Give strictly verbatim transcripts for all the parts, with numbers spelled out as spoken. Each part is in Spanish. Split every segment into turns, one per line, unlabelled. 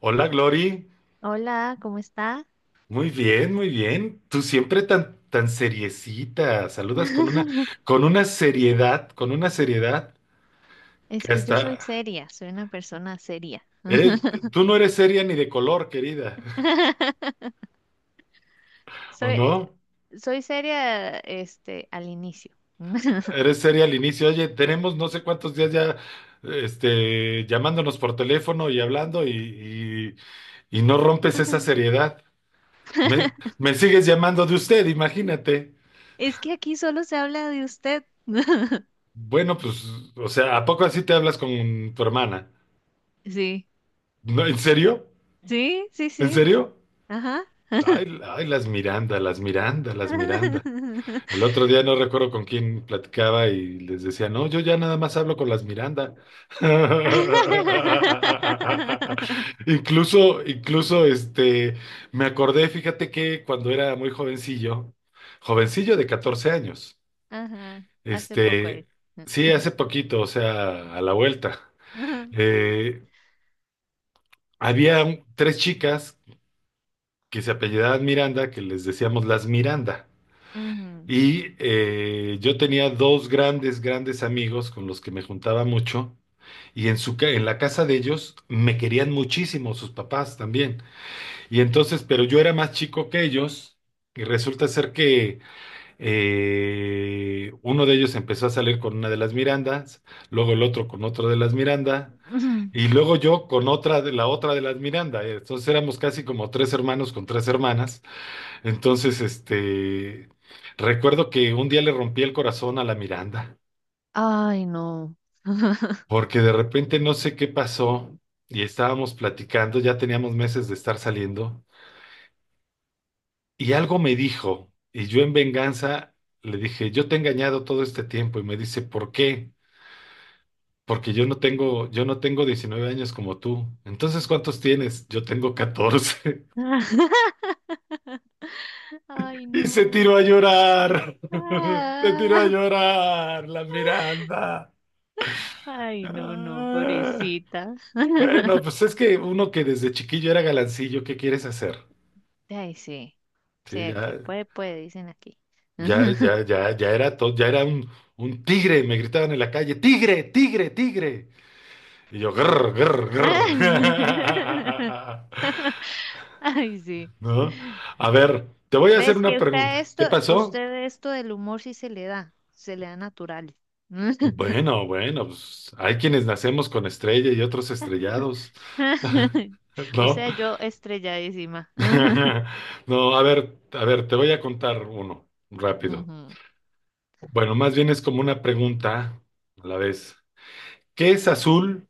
Hola, Glory.
Hola, ¿cómo está?
Muy bien, muy bien. Tú siempre tan, tan seriecita. Saludas con una, con una seriedad, con una seriedad
Es
que
que yo
hasta
soy seria, soy una persona seria.
eres, tú no eres seria ni de color, querida, ¿o
Soy, eh,
no?
soy seria, este, al inicio.
Eres seria al inicio. Oye, tenemos no sé cuántos días ya, este, llamándonos por teléfono y hablando y, y, y no rompes esa seriedad. Me, me sigues llamando de usted, imagínate.
Es que aquí solo se habla de usted.
Bueno, pues, o sea, ¿a poco así te hablas con tu hermana?
Sí,
No, ¿en serio?
sí, sí,
¿En
sí.
serio?
Ajá.
Ay, ay, las Miranda, las Miranda, las Miranda. El otro día no recuerdo con quién platicaba y les decía, no, yo ya nada más hablo con las Miranda. Incluso, incluso, este, me acordé, fíjate que cuando era muy jovencillo, jovencillo de catorce años,
Ajá. Hace poco
este,
es.
sí, hace poquito, o sea, a la vuelta, eh, había un- tres chicas que se apellidaban Miranda, que les decíamos las Miranda.
Ujú.
Y eh, yo tenía dos grandes, grandes amigos con los que me juntaba mucho. Y en su, ca- en la casa de ellos me querían muchísimo, sus papás también. Y entonces, pero yo era más chico que ellos. Y resulta ser que eh, uno de ellos empezó a salir con una de las Mirandas, luego el otro con otro de las Miranda, y luego yo con otra de la otra de las Miranda. Entonces éramos casi como tres hermanos con tres hermanas. Entonces, este, recuerdo que un día le rompí el corazón a la Miranda,
Ay, no.
porque de repente no sé qué pasó y estábamos platicando, ya teníamos meses de estar saliendo, y algo me dijo, y yo en venganza le dije, yo te he engañado todo este tiempo, y me dice, ¿por qué? Porque yo no tengo, yo no tengo diecinueve años como tú. Entonces, ¿cuántos tienes? Yo tengo catorce.
Ay,
Y se
no.
tiró a llorar. Se tiró a
Ah.
llorar la Miranda.
Ay, no, no,
Ah.
pobrecita.
Bueno, pues es que uno que desde chiquillo era galancillo, ¿qué quieres hacer?
Ay, sí. Sí,
Sí,
el que
ya,
puede, puede, dicen aquí.
ya, ya, ya, ya era todo, ya era un, un tigre, me gritaban en la calle, tigre, tigre, tigre. Y yo, grr, grr, grr.
Ay, sí.
¿No? A ver, te voy a hacer
¿Ves
una
que usted
pregunta.
esto,
¿Qué pasó?
usted esto del humor sí se le da, se le da natural.
Bueno, bueno, pues hay quienes nacemos con estrella y otros estrellados.
O
¿No?
sea, yo estrelladísima.
No, a ver, a ver, te voy a contar uno, rápido.
Ujú.
Bueno, más bien es como una pregunta a la vez. ¿Qué es azul?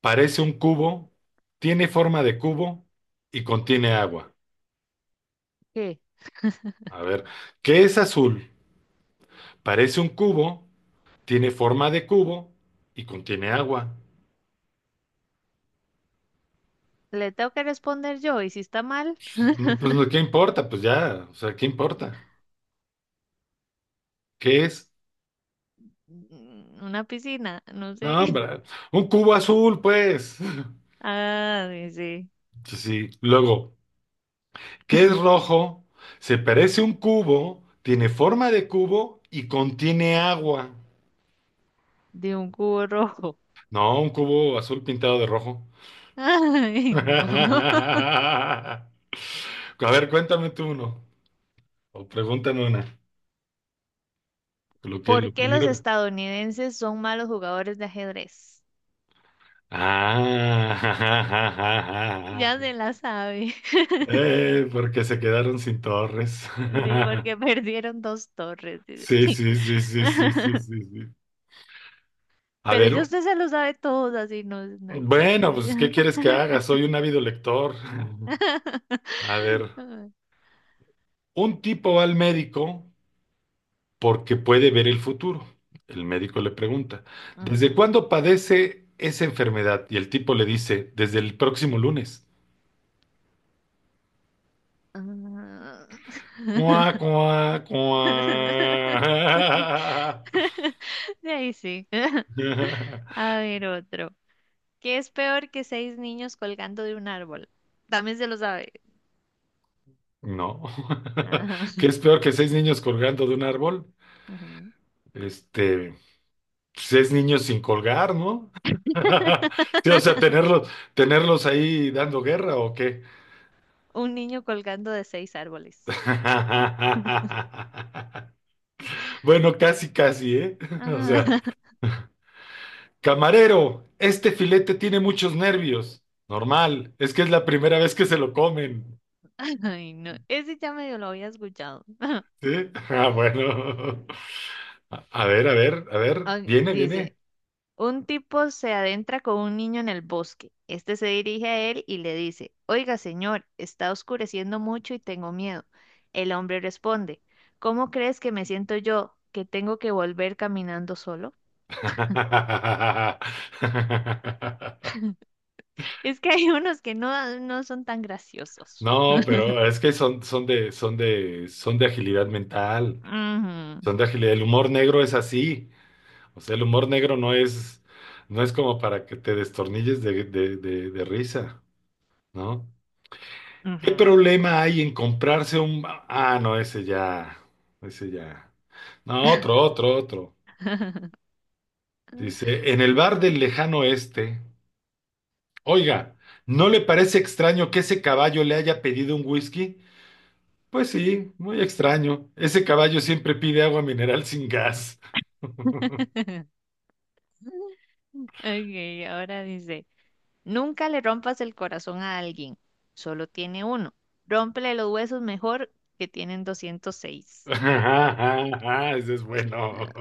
Parece un cubo, tiene forma de cubo y contiene agua.
¿Qué?
A ver, ¿qué es azul? Parece un cubo, tiene forma de cubo y contiene agua.
¿Le tengo que responder yo? ¿Y si está mal?
Pues, mm, pues, no, ¿qué importa? Pues ya, o sea, ¿qué importa? ¿Qué es?
Mm, una piscina, no sé.
No, hombre, un cubo azul, pues.
Ah, dice,
Sí, sí. Luego, ¿qué es rojo? Se parece a un cubo, tiene forma de cubo y contiene agua.
de un cubo rojo.
No, un cubo azul pintado de rojo.
Ay, no.
A ver, cuéntame tú uno. O pregúntame una. Lo que, lo
¿Por qué los
primero.
estadounidenses son malos jugadores de ajedrez?
Ah,
Ya se la sabe.
eh, porque se quedaron sin torres.
Sí, porque perdieron dos torres,
Sí,
dice.
sí, sí, sí, sí, sí, sí, sí. A
Pero
ver,
yo usted se lo sabe todo, así no, es- no hay
bueno,
chiste.
pues, ¿qué quieres que haga? Soy un ávido lector. A ver, un tipo va al médico porque puede ver el futuro. El médico le pregunta, ¿desde
Ujú.
cuándo padece esa enfermedad? Y el tipo le dice, desde el próximo lunes.
Ah.
Cuá, cuá, cuá.
De ahí sí. A ver otro. ¿Qué es peor que seis niños colgando de un árbol? También se lo sabe.
No.
Ajá,
¿Qué es peor que seis niños colgando de un árbol?
ajá.
Este, seis niños sin colgar, ¿no? Sí, o sea, tenerlos, tenerlos ahí dando guerra ¿o qué?
Un niño colgando de seis árboles.
Bueno, casi, casi, ¿eh? O
Ah,
sea. Camarero, este filete tiene muchos nervios. Normal, es que es la primera vez que se lo comen.
Ay, no. Ese ya medio lo había escuchado.
¿Sí? Ah, bueno. A a ver, a ver, a ver.
Ah,
Viene,
dice,
viene.
un tipo se adentra con un niño en el bosque. Este se dirige a él y le dice, oiga, señor, está oscureciendo mucho y tengo miedo. El hombre responde, ¿cómo crees que me siento yo, que tengo que volver caminando solo? Es que hay unos que no, no son tan graciosos.
No, pero es que son, son de, son de, son de agilidad mental.
Ujú,
Son de agilidad. El humor negro es así. O sea, el humor negro no es, no es como para que te destornilles de, de, de, de risa, ¿no? ¿Qué
ujú.
problema hay en comprarse un... Ah, no, ese ya, ese ya. No, otro, otro, otro. Dice, en el bar del lejano oeste, oiga, ¿no le parece extraño que ese caballo le haya pedido un whisky? Pues sí, muy extraño. Ese caballo siempre pide agua mineral sin gas.
Ok, ahora dice, nunca le rompas el corazón a alguien, solo tiene uno. Rómpele los huesos mejor que tienen doscientos seis.
Ese es bueno.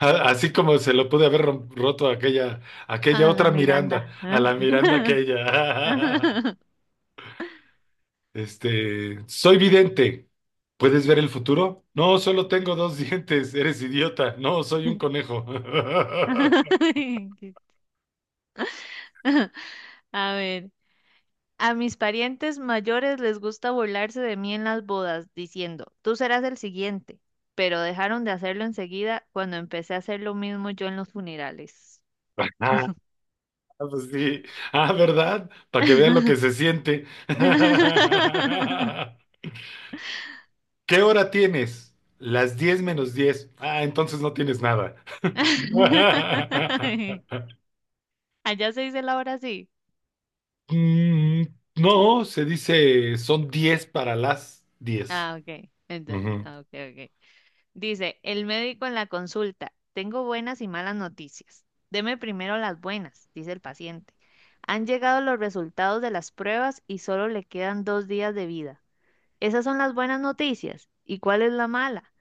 A- Así como se lo pude haber rom- roto a aquella, a aquella
A la
otra Miranda,
Miranda.
a la Miranda aquella. Este, soy vidente. ¿Puedes ver el futuro? No, solo tengo dos dientes. Eres idiota. No, soy un conejo.
A ver, a mis parientes mayores les gusta burlarse de mí en las bodas, diciendo, tú serás el siguiente, pero dejaron de hacerlo enseguida cuando empecé a hacer lo mismo yo en los funerales.
Ah, pues sí. Ah, ¿verdad? Para que vean lo que se siente. ¿Qué hora tienes? Las diez menos diez. Ah, entonces no tienes nada.
Allá se dice la hora así.
Mm, no, se dice son diez para las diez.
Ah, ok. Enta- ah, ok, ok. Dice, el médico en la consulta, tengo buenas y malas noticias. Deme primero las buenas, dice el paciente. Han llegado los resultados de las pruebas y solo le quedan dos días de vida. Esas son las buenas noticias. ¿Y cuál es la mala?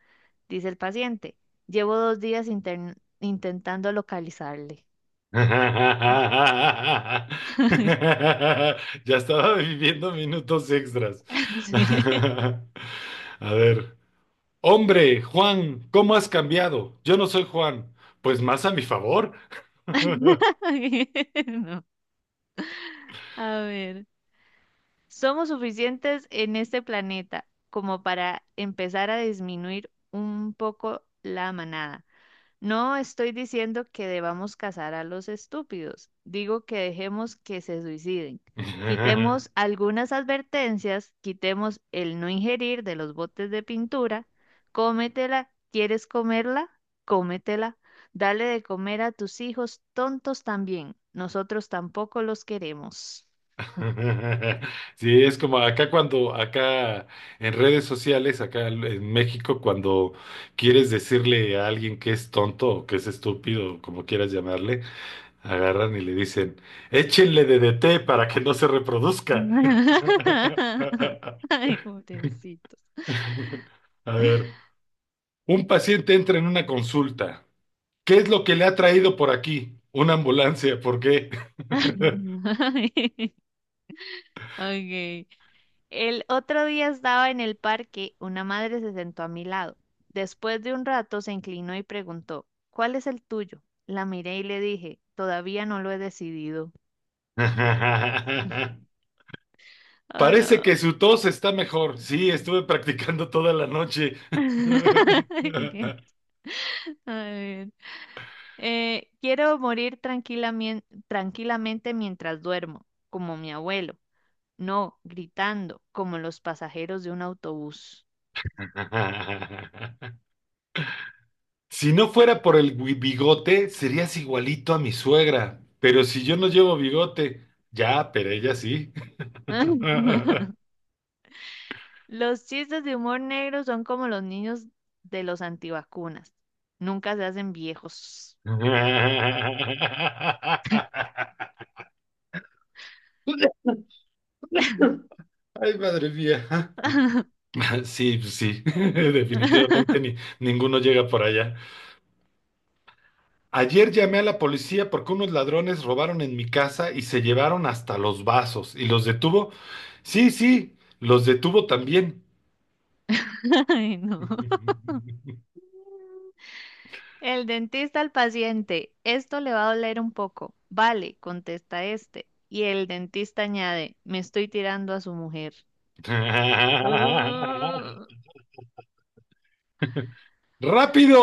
Dice el paciente. Llevo dos días intern- intentando localizarle.
Ya estaba viviendo minutos extras.
Sí.
A ver. Hombre, Juan, ¿cómo has cambiado? Yo no soy Juan. Pues más a mi favor.
No. A ver. Somos suficientes en este planeta como para empezar a disminuir un poco la manada. No estoy diciendo que debamos cazar a los estúpidos, digo que dejemos que se suiciden. Quitemos algunas advertencias, quitemos el no ingerir de los botes de pintura, cómetela, ¿quieres comerla? Cómetela. Dale de comer a tus hijos tontos también, nosotros tampoco los queremos.
Sí, es como acá cuando, acá en redes sociales, acá en México, cuando quieres decirle a alguien que es tonto o que es estúpido, como quieras llamarle. Agarran y le dicen, échenle D D T para que no se reproduzca. A ver, un paciente entra en una consulta. ¿Qué es lo que le ha traído por aquí? Una ambulancia, ¿por qué?
Ok. El otro día estaba en el parque, una madre se sentó a mi lado. Después de un rato se inclinó y preguntó, ¿cuál es el tuyo? La miré y le dije, todavía no lo he decidido. Oh,
Parece
no.
que su tos está mejor. Sí, estuve practicando toda la noche.
A ver. Eh, quiero morir tranquilamente, tranquilamente mientras duermo, como mi abuelo. No, gritando, como los pasajeros de un autobús.
Si no fuera por el gui- bigote, serías igualito a mi suegra. Pero si yo no llevo bigote, ya, pero ella sí.
Los chistes de humor negro son como los niños de los antivacunas. Nunca se hacen viejos.
Ay, madre mía. Sí, pues sí, definitivamente ni, ninguno llega por allá. Ayer llamé a la policía porque unos ladrones robaron en mi casa y se llevaron hasta los vasos. ¿Y los detuvo? Sí, sí, los detuvo también.
Ay, no. El dentista al paciente, esto le va a doler un poco. Vale, contesta este. Y el dentista añade, me estoy tirando a su mujer.
Rápido,
Uh.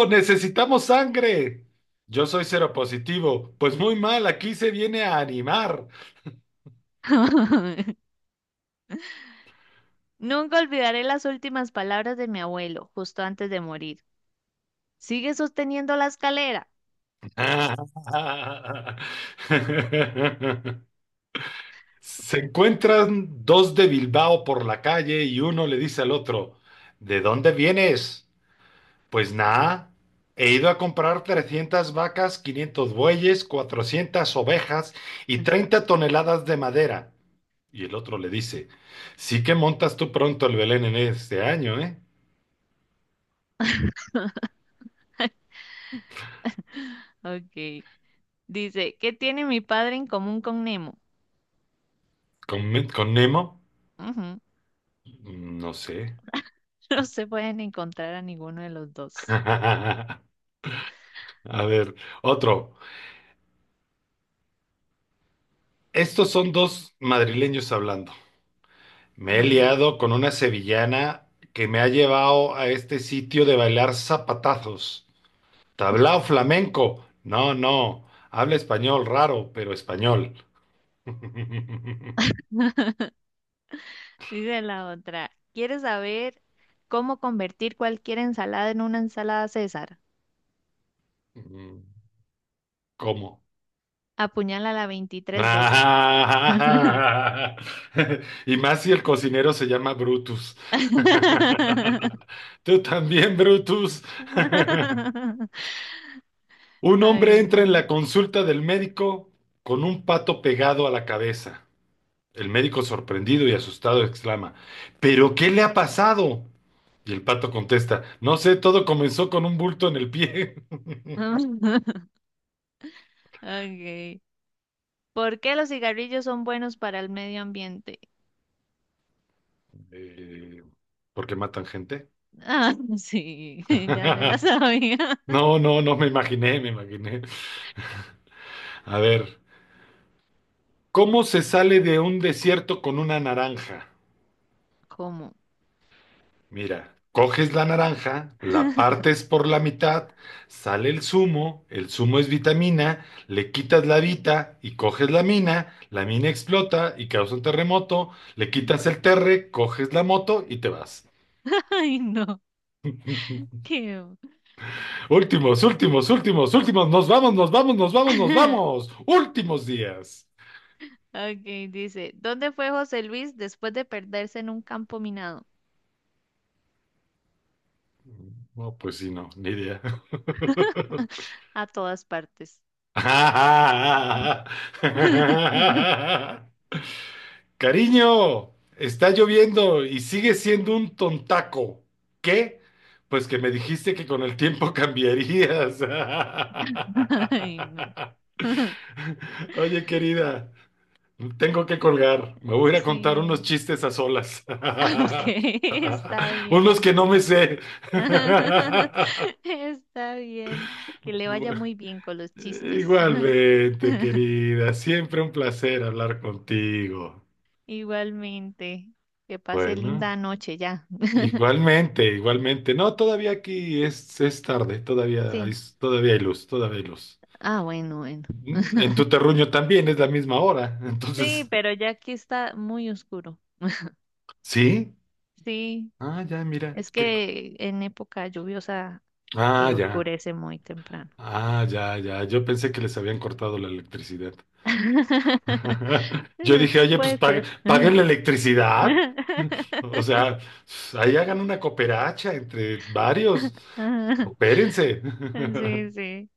necesitamos sangre. Yo soy cero positivo. Pues muy mal, aquí se viene a animar.
Nunca olvidaré las últimas palabras de mi abuelo, justo antes de morir. Sigue sosteniendo la escalera.
Se encuentran dos de Bilbao por la calle y uno le dice al otro, ¿de dónde vienes? Pues nada, he ido a comprar trescientas vacas, quinientos bueyes, cuatrocientas ovejas y treinta toneladas de madera. Y el otro le dice, sí que montas tú pronto el Belén en este año, ¿eh?
Ok. Dice, ¿qué tiene mi padre en común con Nemo?
¿Con, Me- con Nemo?
Ujú.
No sé.
No se pueden encontrar a ninguno de los dos.
A ver, otro. Estos son dos madrileños hablando. Me he
Ah.
liado con una sevillana que me ha llevado a este sitio de bailar zapatazos. ¿Tablao flamenco? No, no. Habla español raro, pero español.
Dice la otra, ¿quieres saber cómo convertir cualquier ensalada en una ensalada César?
¿Cómo?
Apuñálala veintitrés veces.
Ah, y más si el cocinero se llama Brutus. Tú también, Brutus. Un hombre entra en la
Ay.
consulta del médico con un pato pegado a la cabeza. El médico, sorprendido y asustado, exclama, ¿pero qué le ha pasado? Y el pato contesta, no sé, todo comenzó con un bulto en el pie.
Okay. ¿Por qué los cigarrillos son buenos para el medio ambiente?
Eh, ¿por qué matan gente?
Ah, sí, ya se la sabía.
No, no, no me imaginé, me imaginé. A ver. ¿Cómo se sale de un desierto con una naranja?
¿Cómo?
Mira, coges la naranja, la partes por la mitad, sale el zumo, el zumo es vitamina, le quitas la vita y coges la mina, la mina explota y causa un terremoto, le quitas el terre, coges la moto y te vas.
Ay, no. Qué...
Últimos, últimos, últimos, últimos, nos vamos, nos vamos, nos vamos, nos vamos. Últimos días.
Ok, dice, ¿dónde fue José Luis después de perderse en un campo minado?
No, pues sí, no, ni idea.
A todas partes.
Cariño, está lloviendo y sigue siendo un tontaco. ¿Qué? Pues que me dijiste que con el tiempo cambiarías.
Ay, no.
Oye, querida, tengo que colgar. Me voy a ir a contar unos
Sí.
chistes a solas.
Ok, está
Unos que
bien.
no me sé.
Está bien. Que le vaya muy bien con los chistes.
Igualmente, querida, siempre un placer hablar contigo.
Igualmente. Que pase linda
Bueno.
noche ya.
Igualmente, igualmente. No, todavía aquí es, es tarde, todavía hay,
Sí.
todavía hay luz, todavía hay luz.
Ah, bueno, bueno.
Mm, En tu terruño también es la misma hora,
Sí,
entonces,
pero ya aquí está muy oscuro.
¿sí?
Sí.
Ah, ya, mira,
Es
qué... co-
que en época lluviosa
Ah,
eh,
ya,
oscurece muy temprano.
ah, ya, ya. Yo pensé que les habían cortado la electricidad. Yo dije, oye, pues
Puede
pag-
ser.
paguen la electricidad. O sea, pues, ahí hagan una cooperacha entre varios. Coopérense.
Sí, sí.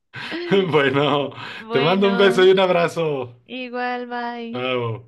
Bueno, te mando un beso y
Bueno,
un abrazo.
igual, bye.
Oh,